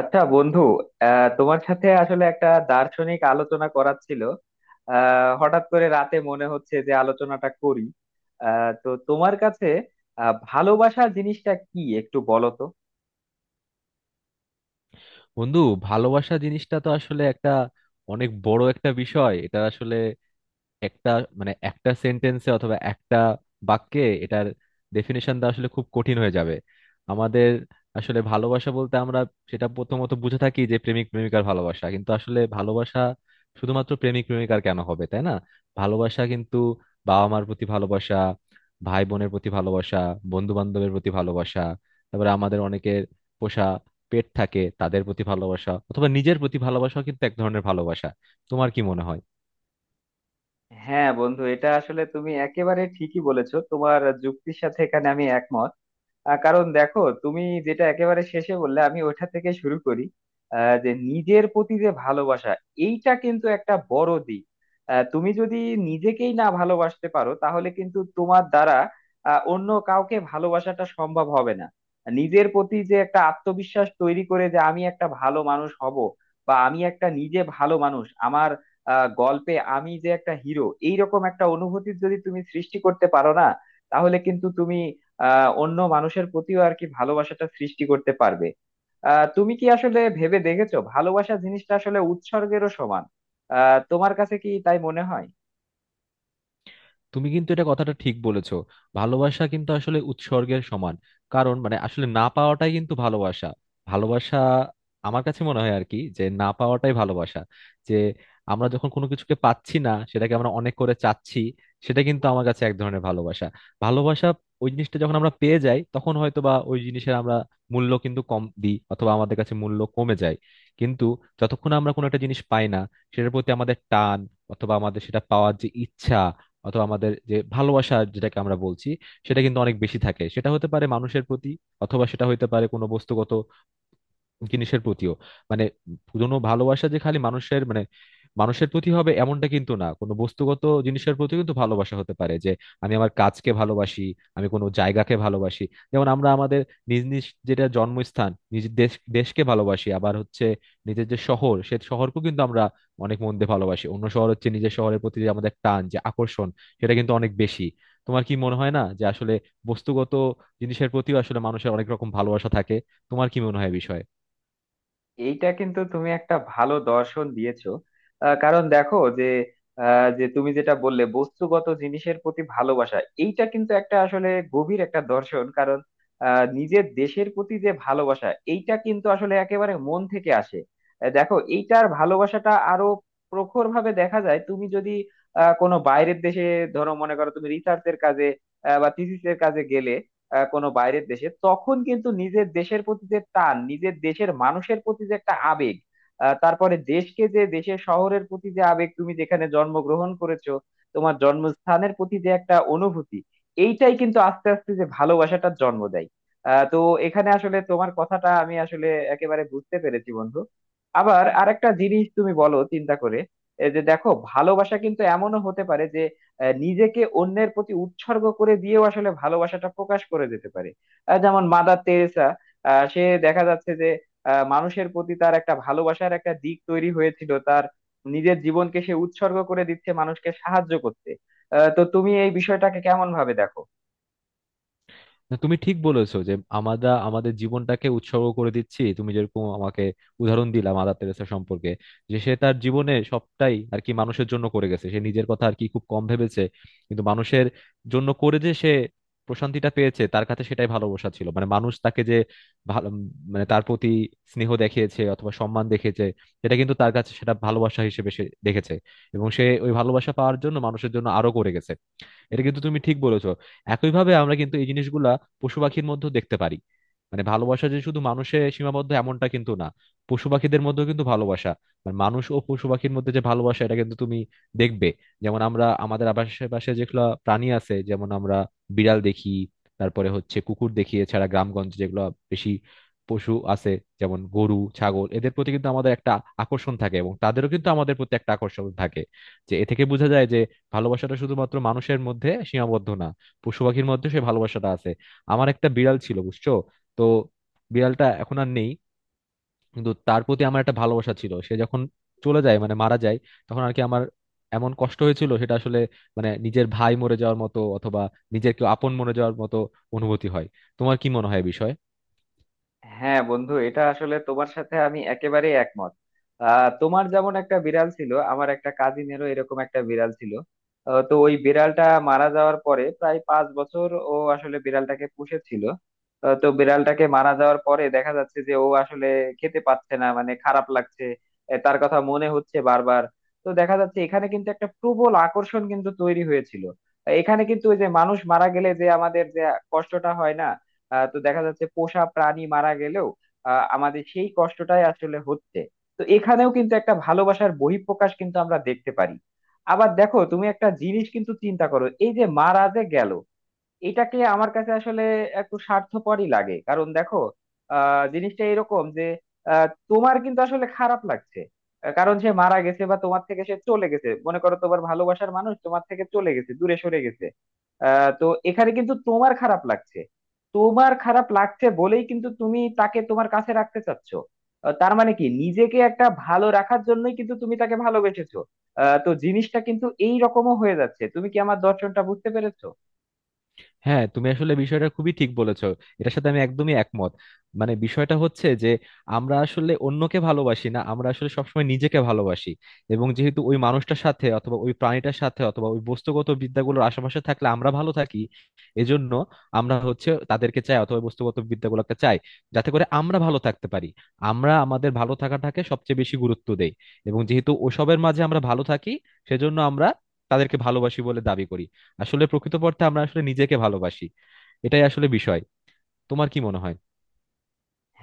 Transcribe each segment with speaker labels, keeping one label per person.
Speaker 1: আচ্ছা বন্ধু, তোমার সাথে আসলে একটা দার্শনিক আলোচনা করার ছিল। হঠাৎ করে রাতে মনে হচ্ছে যে আলোচনাটা করি। তো তোমার কাছে ভালোবাসা জিনিসটা কি একটু বলো তো।
Speaker 2: বন্ধু, ভালোবাসা জিনিসটা তো আসলে একটা অনেক বড় একটা বিষয়। এটা আসলে একটা, মানে একটা সেন্টেন্সে অথবা একটা বাক্যে এটার ডেফিনেশন দেওয়া আসলে খুব কঠিন হয়ে যাবে। আমাদের আসলে ভালোবাসা বলতে আমরা সেটা প্রথমত বুঝে থাকি যে প্রেমিক প্রেমিকার ভালোবাসা, কিন্তু আসলে ভালোবাসা শুধুমাত্র প্রেমিক প্রেমিকার কেন হবে, তাই না? ভালোবাসা কিন্তু বাবা মার প্রতি ভালোবাসা, ভাই বোনের প্রতি ভালোবাসা, বন্ধু বান্ধবের প্রতি ভালোবাসা। তারপরে আমাদের অনেকের পোষা পেট থাকে, তাদের প্রতি ভালোবাসা, অথবা নিজের প্রতি ভালোবাসাও কিন্তু এক ধরনের ভালোবাসা। তোমার কি মনে হয়?
Speaker 1: হ্যাঁ বন্ধু, এটা আসলে তুমি একেবারে ঠিকই বলেছো, তোমার যুক্তির সাথে এখানে আমি একমত। কারণ দেখো, তুমি যেটা একেবারে শেষে বললে আমি ওইটা থেকে শুরু করি। যে নিজের প্রতি যে ভালোবাসা, এইটা কিন্তু একটা বড় দিক। তুমি যদি নিজেকেই না ভালোবাসতে পারো তাহলে কিন্তু তোমার দ্বারা অন্য কাউকে ভালোবাসাটা সম্ভব হবে না। নিজের প্রতি যে একটা আত্মবিশ্বাস তৈরি করে যে আমি একটা ভালো মানুষ হব, বা আমি একটা নিজে ভালো মানুষ, আমার গল্পে আমি যে একটা হিরো, এইরকম একটা অনুভূতি যদি তুমি সৃষ্টি করতে পারো না তাহলে কিন্তু তুমি অন্য মানুষের প্রতিও আর কি ভালোবাসাটা সৃষ্টি করতে পারবে। তুমি কি আসলে ভেবে দেখেছো ভালোবাসা জিনিসটা আসলে উৎসর্গেরও সমান? তোমার কাছে কি তাই মনে হয়?
Speaker 2: তুমি কিন্তু এটা কথাটা ঠিক বলেছো। ভালোবাসা কিন্তু আসলে উৎসর্গের সমান। কারণ, মানে আসলে না পাওয়াটাই কিন্তু ভালোবাসা। ভালোবাসা আমার কাছে মনে হয় আর কি, যে না পাওয়াটাই ভালোবাসা। যে আমরা যখন কোনো কিছুকে পাচ্ছি না, সেটাকে আমরা অনেক করে চাচ্ছি, সেটা কিন্তু আমার কাছে এক ধরনের ভালোবাসা। ভালোবাসা ওই জিনিসটা যখন আমরা পেয়ে যাই, তখন হয়তো বা ওই জিনিসের আমরা মূল্য কিন্তু কম দিই, অথবা আমাদের কাছে মূল্য কমে যায়। কিন্তু যতক্ষণ আমরা কোনো একটা জিনিস পাই না, সেটার প্রতি আমাদের টান, অথবা আমাদের সেটা পাওয়ার যে ইচ্ছা, অথবা আমাদের যে ভালোবাসা যেটাকে আমরা বলছি, সেটা কিন্তু অনেক বেশি থাকে। সেটা হতে পারে মানুষের প্রতি, অথবা সেটা হতে পারে কোনো বস্তুগত জিনিসের প্রতিও। মানে কোনো ভালোবাসা যে খালি মানুষের, মানে মানুষের প্রতি হবে এমনটা কিন্তু না, কোনো বস্তুগত জিনিসের প্রতি কিন্তু ভালোবাসা হতে পারে। যে আমি আমার কাজকে ভালোবাসি, আমি কোনো জায়গাকে ভালোবাসি। যেমন আমরা আমাদের নিজ নিজ যেটা জন্মস্থান, নিজ দেশকে ভালোবাসি। আবার হচ্ছে নিজের যে শহর, সে শহরকেও কিন্তু আমরা অনেক মন দিয়ে ভালোবাসি। অন্য শহর হচ্ছে, নিজের শহরের প্রতি যে আমাদের টান, যে আকর্ষণ, সেটা কিন্তু অনেক বেশি। তোমার কি মনে হয় না যে আসলে বস্তুগত জিনিসের প্রতিও আসলে মানুষের অনেক রকম ভালোবাসা থাকে? তোমার কি মনে হয় এ বিষয়ে?
Speaker 1: এইটা কিন্তু তুমি একটা ভালো দর্শন দিয়েছো। কারণ দেখো যে, যে তুমি যেটা বললে বস্তুগত জিনিসের প্রতি ভালোবাসা, এইটা কিন্তু একটা আসলে গভীর একটা দর্শন। কারণ নিজের দেশের প্রতি যে ভালোবাসা এইটা কিন্তু আসলে একেবারে মন থেকে আসে। দেখো এইটার ভালোবাসাটা আরো প্রখর ভাবে দেখা যায়, তুমি যদি কোনো বাইরের দেশে, ধরো মনে করো তুমি রিসার্চের কাজে বা থিসিসের কাজে গেলে কোনো বাইরের দেশে, তখন কিন্তু নিজের দেশের প্রতি যে টান, নিজের দেশের মানুষের প্রতি যে একটা আবেগ, তারপরে দেশকে, যে দেশের শহরের প্রতি যে আবেগ, তুমি যেখানে জন্মগ্রহণ করেছো, তোমার জন্মস্থানের প্রতি যে একটা অনুভূতি, এইটাই কিন্তু আস্তে আস্তে যে ভালোবাসাটার জন্ম দেয়। তো এখানে আসলে তোমার কথাটা আমি আসলে একেবারে বুঝতে পেরেছি বন্ধু। আবার আরেকটা জিনিস তুমি বলো চিন্তা করে, এই যে দেখো ভালোবাসা কিন্তু এমনও হতে পারে, নিজেকে অন্যের প্রতি উৎসর্গ করে দিয়েও আসলে ভালোবাসাটা প্রকাশ করে যেতে পারে। যেমন মাদার তেরেসা, সে দেখা যাচ্ছে যে মানুষের প্রতি তার একটা ভালোবাসার একটা দিক তৈরি হয়েছিল, তার নিজের জীবনকে সে উৎসর্গ করে দিচ্ছে মানুষকে সাহায্য করতে। তো তুমি এই বিষয়টাকে কেমন ভাবে দেখো?
Speaker 2: না, তুমি ঠিক বলেছো যে আমরা আমাদের জীবনটাকে উৎসর্গ করে দিচ্ছি। তুমি যেরকম আমাকে উদাহরণ দিলা মাদার তেরেসা সম্পর্কে, যে সে তার জীবনে সবটাই আর কি মানুষের জন্য করে গেছে, সে নিজের কথা আর কি খুব কম ভেবেছে। কিন্তু মানুষের জন্য করে যে সে প্রশান্তিটা পেয়েছে, তার কাছে সেটাই ভালোবাসা ছিল। মানে মানুষ তাকে যে ভালো, মানে তার প্রতি স্নেহ দেখিয়েছে অথবা সম্মান দেখিয়েছে, সেটা কিন্তু তার কাছে, সেটা ভালোবাসা হিসেবে সে দেখেছে। এবং সে ওই ভালোবাসা পাওয়ার জন্য মানুষের জন্য আরো করে গেছে। এটা কিন্তু তুমি ঠিক বলেছো। একইভাবে আমরা কিন্তু এই জিনিসগুলা পশু পাখির মধ্যেও দেখতে পারি। মানে ভালোবাসা যে শুধু মানুষে সীমাবদ্ধ এমনটা কিন্তু না, পশু পাখিদের মধ্যেও কিন্তু ভালোবাসা, মানে মানুষ ও পশু পাখির মধ্যে যে ভালোবাসা, এটা কিন্তু তুমি দেখবে। যেমন আমরা আমাদের আশেপাশে যেগুলো প্রাণী আছে, যেমন আমরা বিড়াল দেখি, তারপরে হচ্ছে কুকুর দেখি, এছাড়া গ্রামগঞ্জে যেগুলো বেশি পশু আছে, যেমন গরু ছাগল, এদের প্রতি কিন্তু আমাদের একটা আকর্ষণ থাকে, এবং তাদেরও কিন্তু আমাদের প্রতি একটা আকর্ষণ থাকে। যে এ থেকে বোঝা যায় যে ভালোবাসাটা শুধুমাত্র মানুষের মধ্যে সীমাবদ্ধ না, পশু পাখির মধ্যে সে ভালোবাসাটা আছে। আমার একটা বিড়াল ছিল, বুঝছো। তো বিড়ালটা এখন আর নেই, কিন্তু তার প্রতি আমার একটা ভালোবাসা ছিল। সে যখন চলে যায়, মানে মারা যায়, তখন আর কি আমার এমন কষ্ট হয়েছিল, সেটা আসলে মানে নিজের ভাই মরে যাওয়ার মতো, অথবা নিজের কেউ আপন মরে যাওয়ার মতো অনুভূতি হয়। তোমার কি মনে হয় বিষয়ে?
Speaker 1: হ্যাঁ বন্ধু, এটা আসলে তোমার সাথে আমি একেবারে একমত। তোমার যেমন একটা বিড়াল ছিল, আমার একটা কাজিনেরও এরকম একটা বিড়াল ছিল। তো ওই বিড়ালটা মারা যাওয়ার পরে প্রায় 5 বছর ও আসলে বিড়ালটাকে পুষেছিল। তো বিড়ালটাকে মারা যাওয়ার পরে দেখা যাচ্ছে যে ও আসলে খেতে পাচ্ছে না, মানে খারাপ লাগছে। তার কথা মনে হচ্ছে বারবার। তো দেখা যাচ্ছে এখানে কিন্তু একটা প্রবল আকর্ষণ কিন্তু তৈরি হয়েছিল। এখানে কিন্তু ওই যে মানুষ মারা গেলে যে আমাদের যে কষ্টটা হয় না, তো দেখা যাচ্ছে পোষা প্রাণী মারা গেলেও আমাদের সেই কষ্টটাই আসলে হচ্ছে। তো এখানেও কিন্তু একটা ভালোবাসার বহিঃপ্রকাশ কিন্তু আমরা দেখতে পারি। আবার দেখো তুমি একটা জিনিস কিন্তু চিন্তা করো, এই যে মারা যে গেল, এটাকে আমার কাছে আসলে একটু স্বার্থপরই লাগে। কারণ দেখো, জিনিসটা এরকম যে, তোমার কিন্তু আসলে খারাপ লাগছে কারণ সে মারা গেছে বা তোমার থেকে সে চলে গেছে। মনে করো তোমার ভালোবাসার মানুষ তোমার থেকে চলে গেছে, দূরে সরে গেছে। তো এখানে কিন্তু তোমার খারাপ লাগছে। তোমার খারাপ লাগছে বলেই কিন্তু তুমি তাকে তোমার কাছে রাখতে চাচ্ছ। তার মানে কি নিজেকে একটা ভালো রাখার জন্যই কিন্তু তুমি তাকে ভালোবেসেছো? তো জিনিসটা কিন্তু এই রকমও হয়ে যাচ্ছে। তুমি কি আমার দর্শনটা বুঝতে পেরেছো?
Speaker 2: হ্যাঁ, তুমি আসলে বিষয়টা খুবই ঠিক বলেছো। এটার সাথে আমি একদমই একমত। মানে বিষয়টা হচ্ছে যে আমরা আসলে অন্যকে ভালোবাসি না, আমরা আসলে সবসময় নিজেকে ভালোবাসি। এবং যেহেতু ওই মানুষটার সাথে, অথবা ওই প্রাণীটার সাথে, অথবা ওই বস্তুগত বিদ্যাগুলোর আশেপাশে থাকলে আমরা ভালো থাকি, এজন্য আমরা হচ্ছে তাদেরকে চাই, অথবা ওই বস্তুগত বিদ্যাগুলোকে চাই, যাতে করে আমরা ভালো থাকতে পারি। আমরা আমাদের ভালো থাকাটাকে সবচেয়ে বেশি গুরুত্ব দেই, এবং যেহেতু ওসবের মাঝে আমরা ভালো থাকি, সেজন্য আমরা তাদেরকে ভালোবাসি বলে দাবি করি। আসলে প্রকৃতপক্ষে আমরা আসলে নিজেকে ভালোবাসি। এটাই আসলে বিষয়। তোমার কি মনে হয়?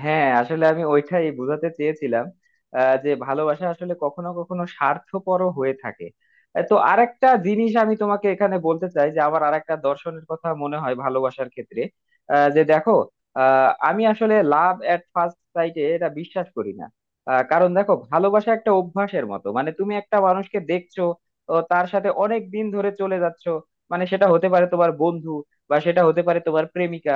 Speaker 1: হ্যাঁ আসলে আমি ওইটাই বোঝাতে চেয়েছিলাম, যে ভালোবাসা আসলে কখনো কখনো স্বার্থপরও হয়ে থাকে। তো আরেকটা জিনিস আমি তোমাকে এখানে বলতে চাই, যে আমার আরেকটা দর্শনের কথা মনে হয় ভালোবাসার ক্ষেত্রে, যে দেখো, আমি আসলে লাভ এট ফার্স্ট সাইটে এটা বিশ্বাস করি না। কারণ দেখো ভালোবাসা একটা অভ্যাসের মতো, মানে তুমি একটা মানুষকে দেখছো ও তার সাথে অনেক দিন ধরে চলে যাচ্ছো, মানে সেটা হতে পারে তোমার বন্ধু, বা সেটা হতে পারে তোমার প্রেমিকা।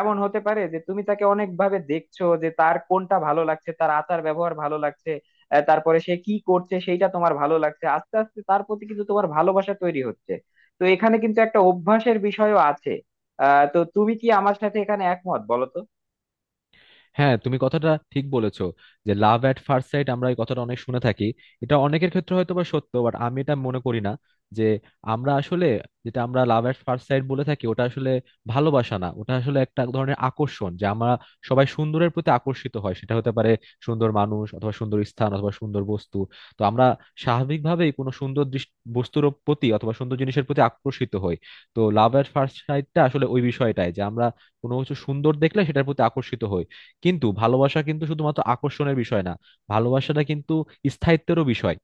Speaker 1: এমন হতে পারে যে তুমি তাকে অনেক ভাবে দেখছো, যে তার কোনটা ভালো লাগছে, তার আচার ব্যবহার ভালো লাগছে, তারপরে সে কি করছে সেইটা তোমার ভালো লাগছে, আস্তে আস্তে তার প্রতি কিন্তু তোমার ভালোবাসা তৈরি হচ্ছে। তো এখানে কিন্তু একটা অভ্যাসের বিষয়ও আছে। তো তুমি কি আমার সাথে এখানে একমত বলো তো?
Speaker 2: হ্যাঁ, তুমি কথাটা ঠিক বলেছো যে লাভ অ্যাট ফার্স্ট সাইট আমরা এই কথাটা অনেক শুনে থাকি। এটা অনেকের ক্ষেত্রে হয়তো বা সত্য, বাট আমি এটা মনে করি না। যে আমরা আসলে, যেটা আমরা লাভ অ্যাট ফার্স্ট সাইট বলে থাকি, ওটা আসলে ভালোবাসা না, ওটা আসলে একটা ধরনের আকর্ষণ। যে আমরা সবাই সুন্দরের প্রতি আকর্ষিত হয়, সেটা হতে পারে সুন্দর মানুষ, অথবা সুন্দর স্থান, অথবা সুন্দর বস্তু। তো আমরা স্বাভাবিকভাবেই কোনো সুন্দর বস্তুর প্রতি, অথবা সুন্দর জিনিসের প্রতি আকর্ষিত হই। তো লাভ অ্যাট ফার্স্ট সাইটটা আসলে ওই বিষয়টাই যে আমরা কোনো কিছু সুন্দর দেখলে সেটার প্রতি আকর্ষিত হই। কিন্তু ভালোবাসা কিন্তু শুধুমাত্র আকর্ষণের বিষয় না, ভালোবাসাটা কিন্তু স্থায়িত্বেরও বিষয়।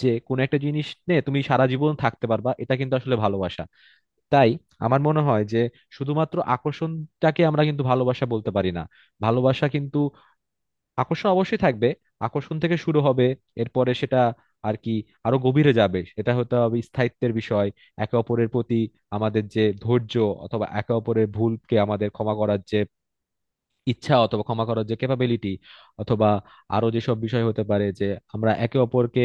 Speaker 2: যে কোনো একটা জিনিস নিয়ে তুমি সারা জীবন থাকতে পারবা, এটা কিন্তু আসলে ভালোবাসা। তাই আমার মনে হয় যে শুধুমাত্র আকর্ষণটাকে আমরা কিন্তু ভালোবাসা বলতে পারি না। ভালোবাসা কিন্তু, আকর্ষণ অবশ্যই থাকবে, আকর্ষণ থেকে শুরু হবে, এরপরে সেটা আর কি আরো গভীরে যাবে, এটা হতে হবে স্থায়িত্বের বিষয়। একে অপরের প্রতি আমাদের যে ধৈর্য, অথবা একে অপরের ভুলকে আমাদের ক্ষমা করার যে ইচ্ছা, অথবা ক্ষমা করার যে ক্যাপাবিলিটি, অথবা আরো যেসব বিষয় হতে পারে, যে আমরা একে অপরকে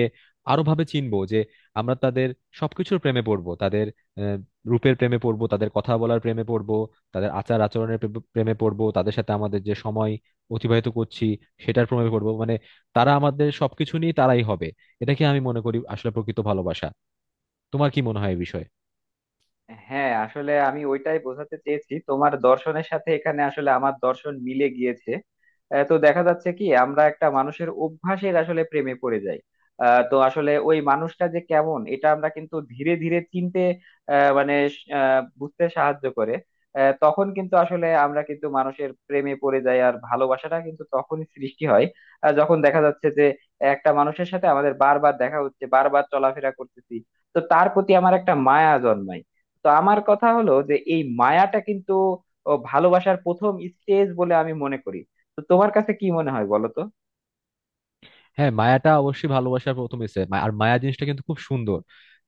Speaker 2: আরো ভাবে চিনবো, যে আমরা তাদের সবকিছুর প্রেমে পড়বো, তাদের আহ, রূপের প্রেমে পড়বো, তাদের কথা বলার প্রেমে পড়বো, তাদের আচার আচরণের প্রেমে পড়বো, তাদের সাথে আমাদের যে সময় অতিবাহিত করছি সেটার প্রেমে পড়বো। মানে তারা আমাদের সবকিছু নিয়ে তারাই হবে, এটাকে আমি মনে করি আসলে প্রকৃত ভালোবাসা। তোমার কি মনে হয় এই বিষয়ে?
Speaker 1: হ্যাঁ আসলে আমি ওইটাই বোঝাতে চেয়েছি, তোমার দর্শনের সাথে এখানে আসলে আমার দর্শন মিলে গিয়েছে। তো দেখা যাচ্ছে কি আমরা একটা মানুষের অভ্যাসের আসলে প্রেমে পড়ে যাই। তো আসলে ওই মানুষটা যে কেমন এটা আমরা কিন্তু ধীরে ধীরে চিনতে মানে বুঝতে সাহায্য করে। তখন কিন্তু আসলে আমরা কিন্তু মানুষের প্রেমে পড়ে যাই, আর ভালোবাসাটা কিন্তু তখনই সৃষ্টি হয় যখন দেখা যাচ্ছে যে একটা মানুষের সাথে আমাদের বারবার দেখা হচ্ছে, বারবার চলাফেরা করতেছি। তো তার প্রতি আমার একটা মায়া জন্মায়। তো আমার কথা হলো যে এই মায়াটা কিন্তু ভালোবাসার প্রথম স্টেজ বলে আমি মনে করি। তো তোমার কাছে কি মনে হয় বলো তো?
Speaker 2: হ্যাঁ, মায়াটা অবশ্যই ভালোবাসার প্রথম স্টেপ, আর মায়া জিনিসটা কিন্তু খুব সুন্দর।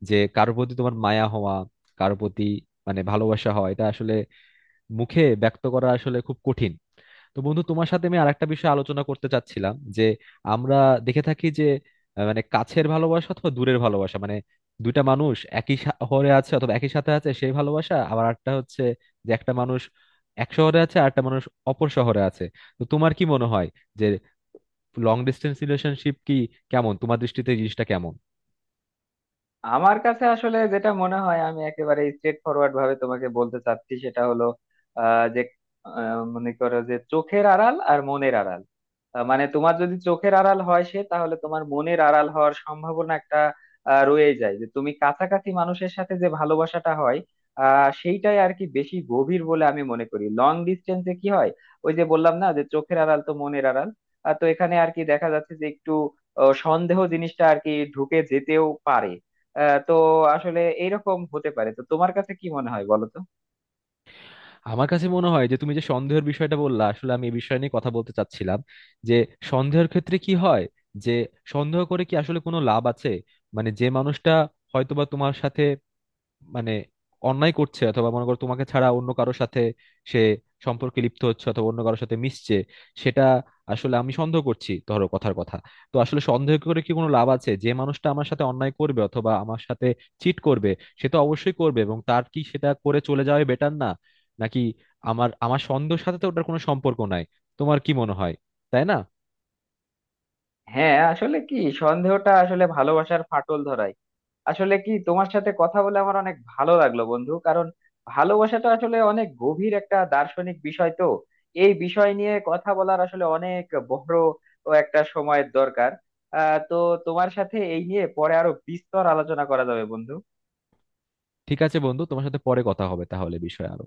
Speaker 2: যে কারোর প্রতি তোমার মায়া হওয়া, কারোর প্রতি মানে ভালোবাসা হওয়া, এটা আসলে মুখে ব্যক্ত করা আসলে খুব কঠিন। তো বন্ধু, তোমার সাথে আমি আরেকটা বিষয় আলোচনা করতে চাচ্ছিলাম, যে আমরা দেখে থাকি যে মানে কাছের ভালোবাসা অথবা দূরের ভালোবাসা, মানে দুইটা মানুষ একই শহরে আছে, অথবা একই সাথে আছে, সেই ভালোবাসা, আবার একটা হচ্ছে যে একটা মানুষ এক শহরে আছে আর একটা মানুষ অপর শহরে আছে। তো তোমার কি মনে হয় যে লং ডিস্টেন্স রিলেশনশিপ কি, কেমন, তোমার দৃষ্টিতে এই জিনিসটা কেমন?
Speaker 1: আমার কাছে আসলে যেটা মনে হয়, আমি একেবারে স্ট্রেট ফরওয়ার্ড ভাবে তোমাকে বলতে চাচ্ছি, সেটা হলো যে মনে করো যে চোখের আড়াল আর মনের আড়াল। মানে তোমার যদি চোখের আড়াল হয় সে, তাহলে তোমার মনের আড়াল হওয়ার সম্ভাবনা একটা রয়েই যায়। যে তুমি কাছাকাছি মানুষের সাথে যে ভালোবাসাটা হয় সেইটাই আর কি বেশি গভীর বলে আমি মনে করি। লং ডিস্টেন্সে কি হয়, ওই যে বললাম না যে চোখের আড়াল তো মনের আড়াল। তো এখানে আর কি দেখা যাচ্ছে যে একটু সন্দেহ জিনিসটা আর কি ঢুকে যেতেও পারে। তো আসলে এইরকম হতে পারে। তো তোমার কাছে কি মনে হয় বলো তো?
Speaker 2: আমার কাছে মনে হয় যে তুমি যে সন্দেহের বিষয়টা বললা, আসলে আমি এই বিষয় নিয়ে কথা বলতে চাচ্ছিলাম। যে সন্দেহের ক্ষেত্রে কি হয়, যে সন্দেহ করে কি আসলে কোনো লাভ আছে? মানে যে মানুষটা হয়তোবা তোমার সাথে, মানে অন্যায় করছে, অথবা মনে করো তোমাকে ছাড়া অন্য কারোর সাথে সে সম্পর্কে লিপ্ত হচ্ছে, অথবা অন্য কারোর সাথে মিশছে, সেটা আসলে আমি সন্দেহ করছি, ধরো কথার কথা। তো আসলে সন্দেহ করে কি কোনো লাভ আছে? যে মানুষটা আমার সাথে অন্যায় করবে, অথবা আমার সাথে চিট করবে, সে তো অবশ্যই করবে। এবং তার কি সেটা করে চলে যাওয়াই বেটার না? নাকি আমার আমার সন্দেহের সাথে তো ওটার কোনো সম্পর্ক নাই। তোমার কি মনে হয়, তাই না?
Speaker 1: হ্যাঁ আসলে কি সন্দেহটা আসলে ভালোবাসার ফাটল ধরায়। আসলে কি তোমার সাথে কথা বলে আমার অনেক ভালো লাগলো বন্ধু, কারণ ভালোবাসাটা আসলে অনেক গভীর একটা দার্শনিক বিষয়, তো এই বিষয় নিয়ে কথা বলার আসলে অনেক বড় ও একটা সময়ের দরকার। তো তোমার সাথে এই নিয়ে পরে আরো বিস্তর আলোচনা করা যাবে বন্ধু।
Speaker 2: ঠিক আছে বন্ধু, তোমার সাথে পরে কথা হবে তাহলে বিষয়ে আরো।